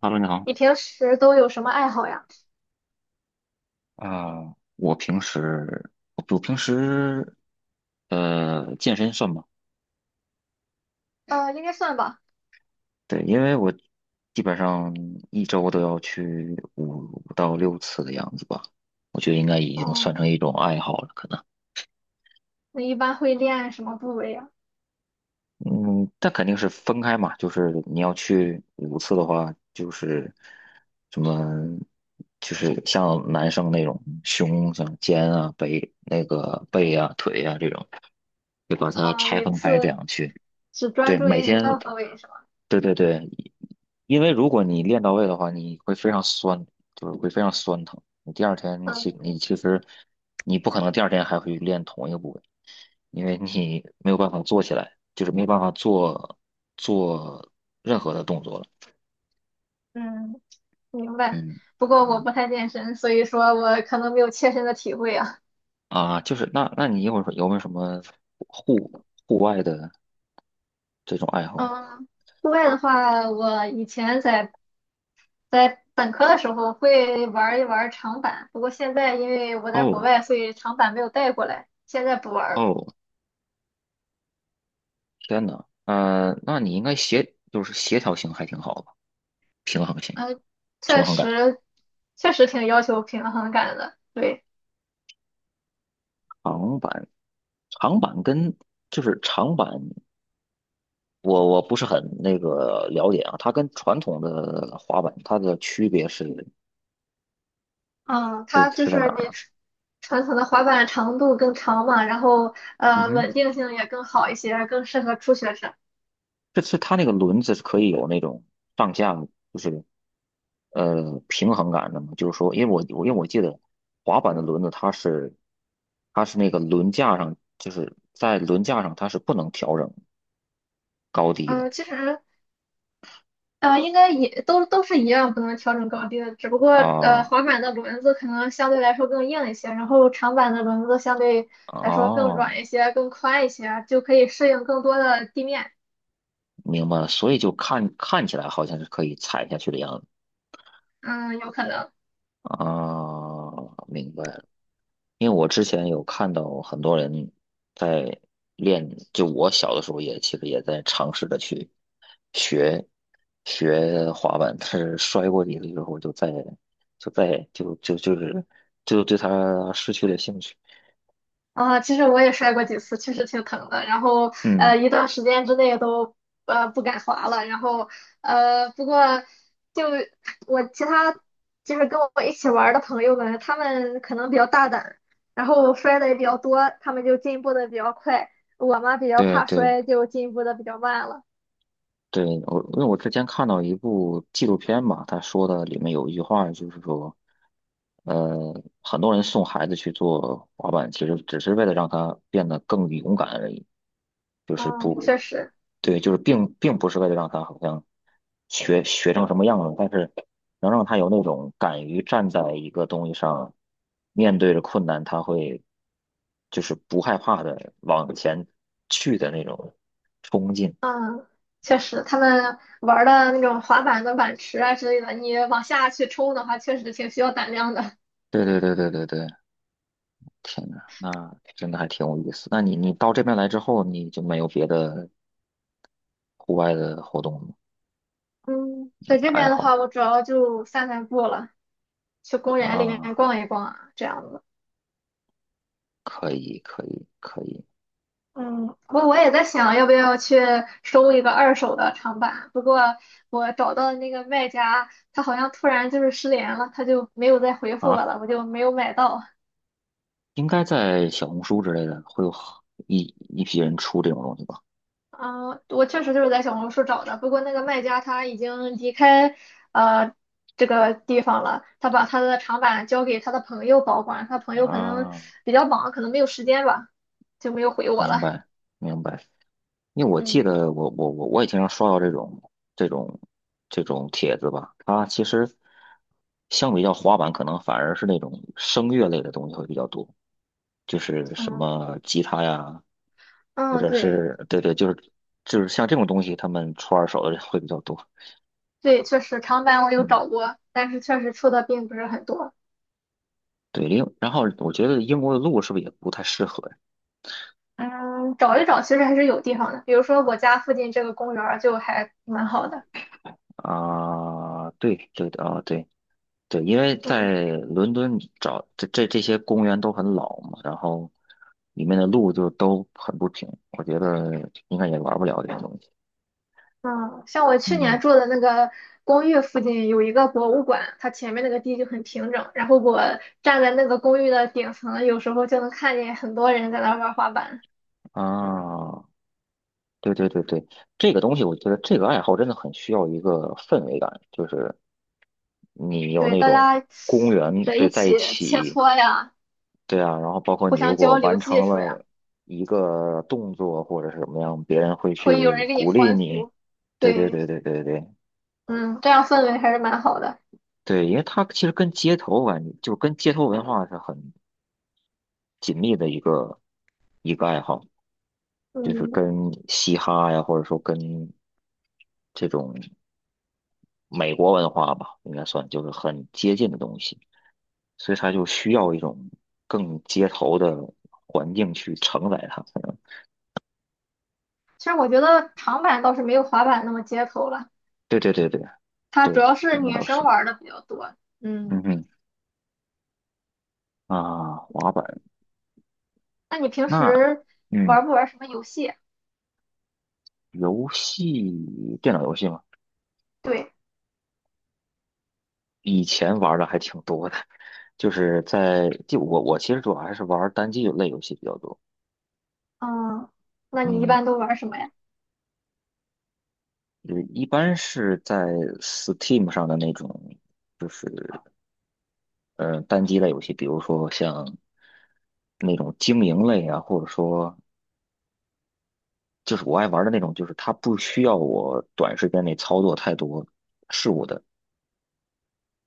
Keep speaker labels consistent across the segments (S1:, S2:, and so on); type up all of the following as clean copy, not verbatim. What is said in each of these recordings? S1: 哈喽，你好。
S2: 你平时都有什么爱好呀？
S1: 我平时我平时健身算吗？
S2: 应该算吧。
S1: 对，因为我基本上一周都要去五到六次的样子吧，我觉得应该已经算
S2: 嗯，
S1: 成一种爱好了，可能。
S2: 你一般会练什么部位呀？
S1: 嗯，但肯定是分开嘛，就是你要去五次的话，就是什么，就是像男生那种胸像肩啊、背那个背啊、腿啊这种，就把它
S2: 啊，
S1: 拆
S2: 每
S1: 分开这
S2: 次
S1: 样去。
S2: 只专
S1: 对，
S2: 注
S1: 每
S2: 于一
S1: 天，
S2: 个部位是吗？
S1: 对对对，因为如果你练到位的话，你会非常酸，就是会非常酸疼。你第二天
S2: 嗯
S1: 其你其实你不可能第二天还会练同一个部位，因为你没有办法做起来，就是没有办法做任何的动作了。
S2: 嗯，明白。
S1: 嗯。
S2: 不过我
S1: 嗯
S2: 不太健身，所以说我可能没有切身的体会啊。
S1: 啊，就是那你一会儿有没有什么户户外的这种爱好？
S2: 嗯，户外的话，我以前在本科的时候会玩一玩长板，不过现在因为我在国
S1: 哦。
S2: 外，所以长板没有带过来，现在不玩了。
S1: 哦，天呐，那你应该协就是协调性还挺好吧，平衡性。
S2: 嗯，
S1: 平
S2: 确
S1: 衡感。
S2: 实，确实挺要求平衡感的，对。
S1: 长板，长板跟就是长板，我不是很那个了解啊。它跟传统的滑板，它的区别是
S2: 嗯，
S1: 是
S2: 它就
S1: 是在哪
S2: 是比
S1: 儿啊？
S2: 传统的滑板长度更长嘛，然后
S1: 嗯哼，
S2: 稳定性也更好一些，更适合初学者。
S1: 这是它那个轮子是可以有那种上下，就是平衡感的嘛。就是说，因为我记得滑板的轮子它是那个轮架上，就是在轮架上它是不能调整高低的。
S2: 嗯，其实应该也都是一样，不能调整高低的，只不过
S1: 啊。
S2: 滑板的轮子可能相对来说更硬一些，然后长板的轮子相对来说更
S1: 哦，
S2: 软一些、更宽一些，就可以适应更多的地面。
S1: 明白了，所以就看起来好像是可以踩下去的样子。
S2: 嗯，有可能。
S1: 啊，明白了。因为我之前有看到很多人在练，就我小的时候也其实也在尝试着去学学滑板，但是摔过几次之后就再就再就就就是就对它失去了兴趣。
S2: 啊，其实我也摔过几次，确实挺疼的。然后
S1: 嗯，
S2: 一段时间之内都不敢滑了。然后不过就我其他就是跟我一起玩儿的朋友们，他们可能比较大胆，然后摔的也比较多，他们就进步的比较快。我嘛比较
S1: 对
S2: 怕
S1: 对，
S2: 摔，就进步的比较慢了。
S1: 对，我，因为我之前看到一部纪录片嘛，他说的里面有一句话，就是说，很多人送孩子去做滑板，其实只是为了让他变得更勇敢而已，就是
S2: 嗯，
S1: 不，
S2: 确实，
S1: 对，就是并不是为了让他好像学成什么样子，但是能让他有那种敢于站在一个东西上，面对着困难，他会就是不害怕的往前去的那种冲劲。
S2: 嗯，确实，他们玩儿的那种滑板的板池啊之类的，你往下去冲的话，确实挺需要胆量的。
S1: 对对对对对对。天呐，那真的还挺有意思。那你到这边来之后，你就没有别的户外的活动
S2: 嗯，在这
S1: 爱
S2: 边的话，
S1: 好
S2: 我主要就散散步了，去公园里面
S1: 啊？
S2: 逛一逛啊，这样子。
S1: 可以，可以，可以。
S2: 嗯，我也在想，要不要去收一个二手的长板。不过我找到的那个卖家，他好像突然就是失联了，他就没有再回复我
S1: 啊！
S2: 了，我就没有买到。
S1: 应该在小红书之类的会有一批人出这种东西吧？
S2: 嗯，我确实就是在小红书找的，不过那个卖家他已经离开呃这个地方了，他把他的长板交给他的朋友保管，他朋友可能
S1: 啊，
S2: 比较忙，可能没有时间吧，就没有回我
S1: 明
S2: 了。
S1: 白，明白。因为我记
S2: 嗯
S1: 得我也经常刷到这种这种帖子吧，它其实相比较滑板，可能反而是那种声乐类的东西会比较多。就是什
S2: 嗯
S1: 么吉他呀，或
S2: 嗯，
S1: 者
S2: 对
S1: 是对对，就是就是像这种东西，他们出二手的人会比较多。
S2: 对，确实长板我有
S1: 嗯，
S2: 找过，但是确实出的并不是很多。
S1: 对，另然后我觉得英国的路是不是也不太适合呀？
S2: 嗯，找一找其实还是有地方的，比如说我家附近这个公园儿就还蛮好的。
S1: 对对的对对，因为
S2: 嗯。
S1: 在伦敦你找这这些公园都很老嘛，然后里面的路就都很不平，我觉得应该也玩不了这些东西。
S2: 嗯，像我去年
S1: 嗯。
S2: 住的那个公寓附近有一个博物馆，它前面那个地就很平整，然后我站在那个公寓的顶层，有时候就能看见很多人在那玩滑板。
S1: 啊。对对对对，这个东西我觉得这个爱好真的很需要一个氛围感，就是你有
S2: 对，
S1: 那
S2: 大
S1: 种
S2: 家
S1: 公园
S2: 在一
S1: 对在
S2: 起
S1: 一
S2: 切
S1: 起，
S2: 磋呀，
S1: 对啊，然后包括
S2: 互
S1: 你如
S2: 相
S1: 果
S2: 交流
S1: 完
S2: 技
S1: 成
S2: 术呀，
S1: 了一个动作或者是什么样，别人会
S2: 会有
S1: 去
S2: 人给你
S1: 鼓励
S2: 欢
S1: 你。
S2: 呼。
S1: 对对
S2: 对，
S1: 对对对对。
S2: 嗯，这样氛围还是蛮好的。
S1: 对，因为它其实跟街头文就跟街头文化是很紧密的一个爱好，就是
S2: 嗯，
S1: 跟嘻哈呀，或者说跟这种。美国文化吧，应该算就是很接近的东西，所以它就需要一种更街头的环境去承载它。嗯。
S2: 其实我觉得长板倒是没有滑板那么街头了，
S1: 对对对对
S2: 它
S1: 对，
S2: 主要是
S1: 对，那
S2: 女
S1: 倒
S2: 生
S1: 是。
S2: 玩的比较多。
S1: 嗯
S2: 嗯，
S1: 哼。啊，滑板
S2: 那你平
S1: 那。
S2: 时
S1: 嗯，
S2: 玩不玩什么游戏啊？
S1: 游戏电脑游戏嘛，
S2: 对，
S1: 以前玩的还挺多的，就是我其实主要还是玩单机类游戏比较多。
S2: 嗯，那你一
S1: 嗯，
S2: 般都玩什么呀？
S1: 就是一般是在 Steam 上的那种。就是。嗯，单机类游戏，比如说像那种经营类啊，或者说就是我爱玩的那种，就是它不需要我短时间内操作太多事物的，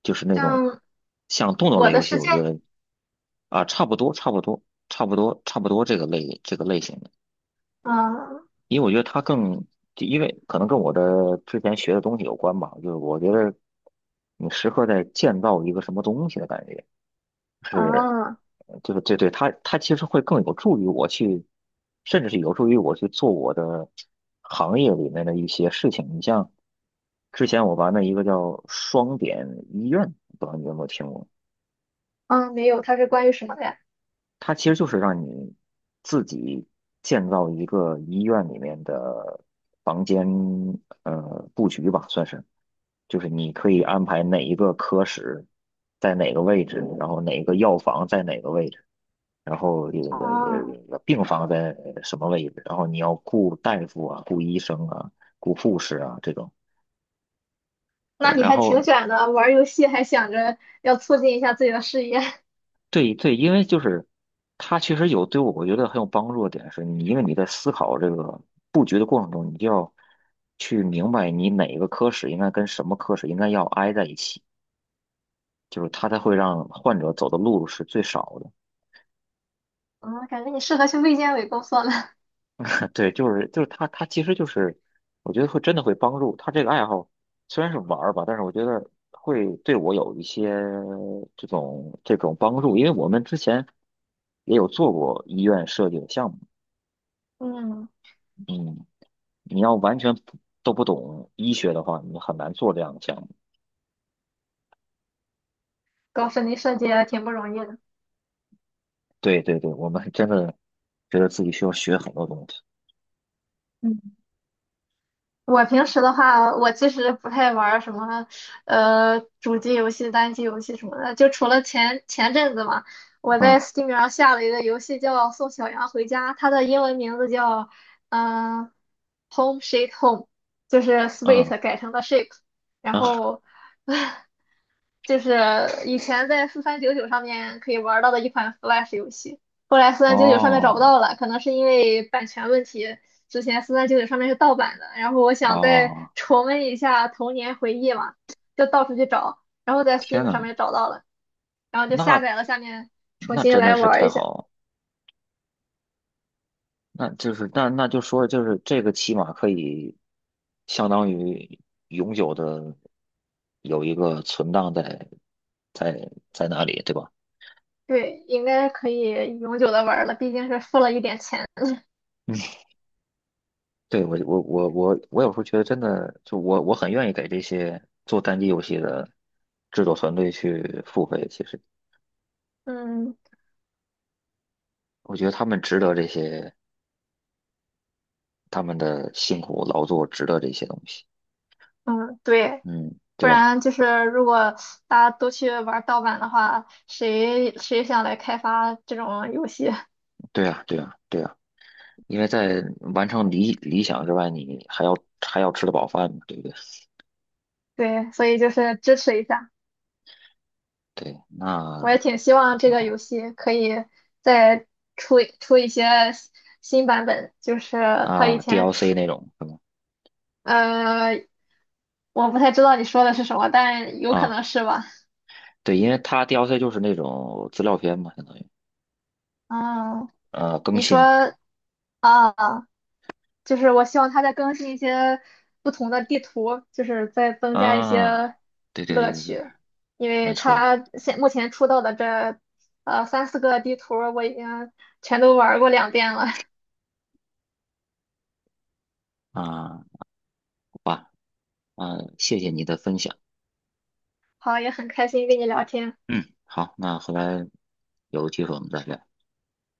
S1: 就是那种
S2: 像
S1: 像动作类
S2: 我的
S1: 游戏，
S2: 世界，
S1: 我觉得啊。差不多差不多这个类这个类型的，
S2: 嗯
S1: 因为我觉得它更，就因为可能跟我的之前学的东西有关吧，就是我觉得你时刻在建造一个什么东西的感觉是。
S2: 啊
S1: 对对对，它它其实会更有助于我去，甚至是有助于我去做我的行业里面的一些事情。你像之前我玩的一个叫双点医院，不知道你有没有听过？
S2: 没有，它是关于什么的呀？
S1: 它其实就是让你自己建造一个医院里面的房间，布局吧，算是。就是你可以安排哪一个科室在哪个位置，然后哪个药房在哪个位置。然后这个
S2: 啊，
S1: 病房在什么位置，然后你要雇大夫啊、雇医生啊、雇护士啊这种。
S2: 那
S1: 对
S2: 你
S1: 然
S2: 还挺
S1: 后
S2: 卷的，玩儿游戏还想着要促进一下自己的事业，
S1: 对对，因为就是它其实有对我觉得很有帮助的点是，你因为你在思考这个布局的过程中，你就要去明白你哪个科室应该跟什么科室应该要挨在一起，就是它才会让患者走的路是最少的。
S2: 嗯，感觉你适合去卫健委工作了，
S1: 对，就是就是他其实就是，我觉得会真的会帮助他这个爱好，虽然是玩儿吧，但是我觉得会对我有一些这种帮助，因为我们之前也有做过医院设计的项目，
S2: 嗯，
S1: 嗯，你要完全不都不懂医学的话，你很难做这样的项目。
S2: 搞室内设计也挺不容易的，
S1: 对对对，我们真的觉得自己需要学很多东西。
S2: 嗯。我平时的话，我其实不太玩儿什么，主机游戏、单机游戏什么的。就除了前阵子嘛，我在
S1: 嗯。
S2: Steam 上下了一个游戏叫《送小羊回家》，它的英文名字叫嗯、呃 Home Sweet Home,就是
S1: 嗯。
S2: Sweet 改成了 sheep 然
S1: 嗯，
S2: 后就是以前在4399上面可以玩到的一款 Flash 游戏，后来四三九九上面找不
S1: 哦。
S2: 到了，可能是因为版权问题。之前四三九九上面是盗版的，然后我想再
S1: 哦，
S2: 重温一下童年回忆嘛，就到处去找，然后在
S1: 天
S2: Steam
S1: 呐，
S2: 上面找到了，然后就下
S1: 那
S2: 载了，下面重
S1: 那
S2: 新
S1: 真的
S2: 来
S1: 是
S2: 玩
S1: 太
S2: 一下。
S1: 好了。那就是那就说就是这个起码可以相当于永久的有一个存档在在那里，对吧？
S2: 对，应该可以永久的玩了，毕竟是付了一点钱。
S1: 嗯，对，我我有时候觉得真的，我很愿意给这些做单机游戏的制作团队去付费。其实
S2: 嗯
S1: 我觉得他们值得这些，他们的辛苦劳作值得这些东西。
S2: 嗯，对。
S1: 嗯，
S2: 不
S1: 对吧？
S2: 然就是如果大家都去玩盗版的话，谁想来开发这种游戏？
S1: 对啊，对啊，对啊。因为在完成理想之外，你还要还要吃得饱饭嘛，对不对？
S2: 对，所以就是支持一下。
S1: 对，那
S2: 我也挺
S1: 还
S2: 希望这
S1: 挺
S2: 个游
S1: 好。
S2: 戏可以再出一些新版本，就是它以
S1: 啊
S2: 前
S1: ，DLC
S2: 出，
S1: 那种是吗？
S2: 呃，我不太知道你说的是什么，但有可
S1: 啊，
S2: 能是吧？
S1: 对，因为它 DLC 就是那种资料片嘛，相当于
S2: 嗯，
S1: 更
S2: 你说。
S1: 新
S2: 啊。就是我希望它再更新一些不同的地图，就是再增加一
S1: 啊，
S2: 些
S1: 对对对
S2: 乐
S1: 对对，
S2: 趣，因
S1: 没
S2: 为
S1: 错。
S2: 它现目前出到的这三四个地图我已经全都玩儿过2遍了，
S1: 啊，好吧。啊，谢谢你的分享，
S2: 好，也很开心跟你聊天，
S1: 嗯，好，那回来有机会我们再聊，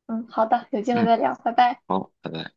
S2: 嗯，好的，有机会
S1: 嗯，
S2: 再聊，拜拜。
S1: 好，拜拜。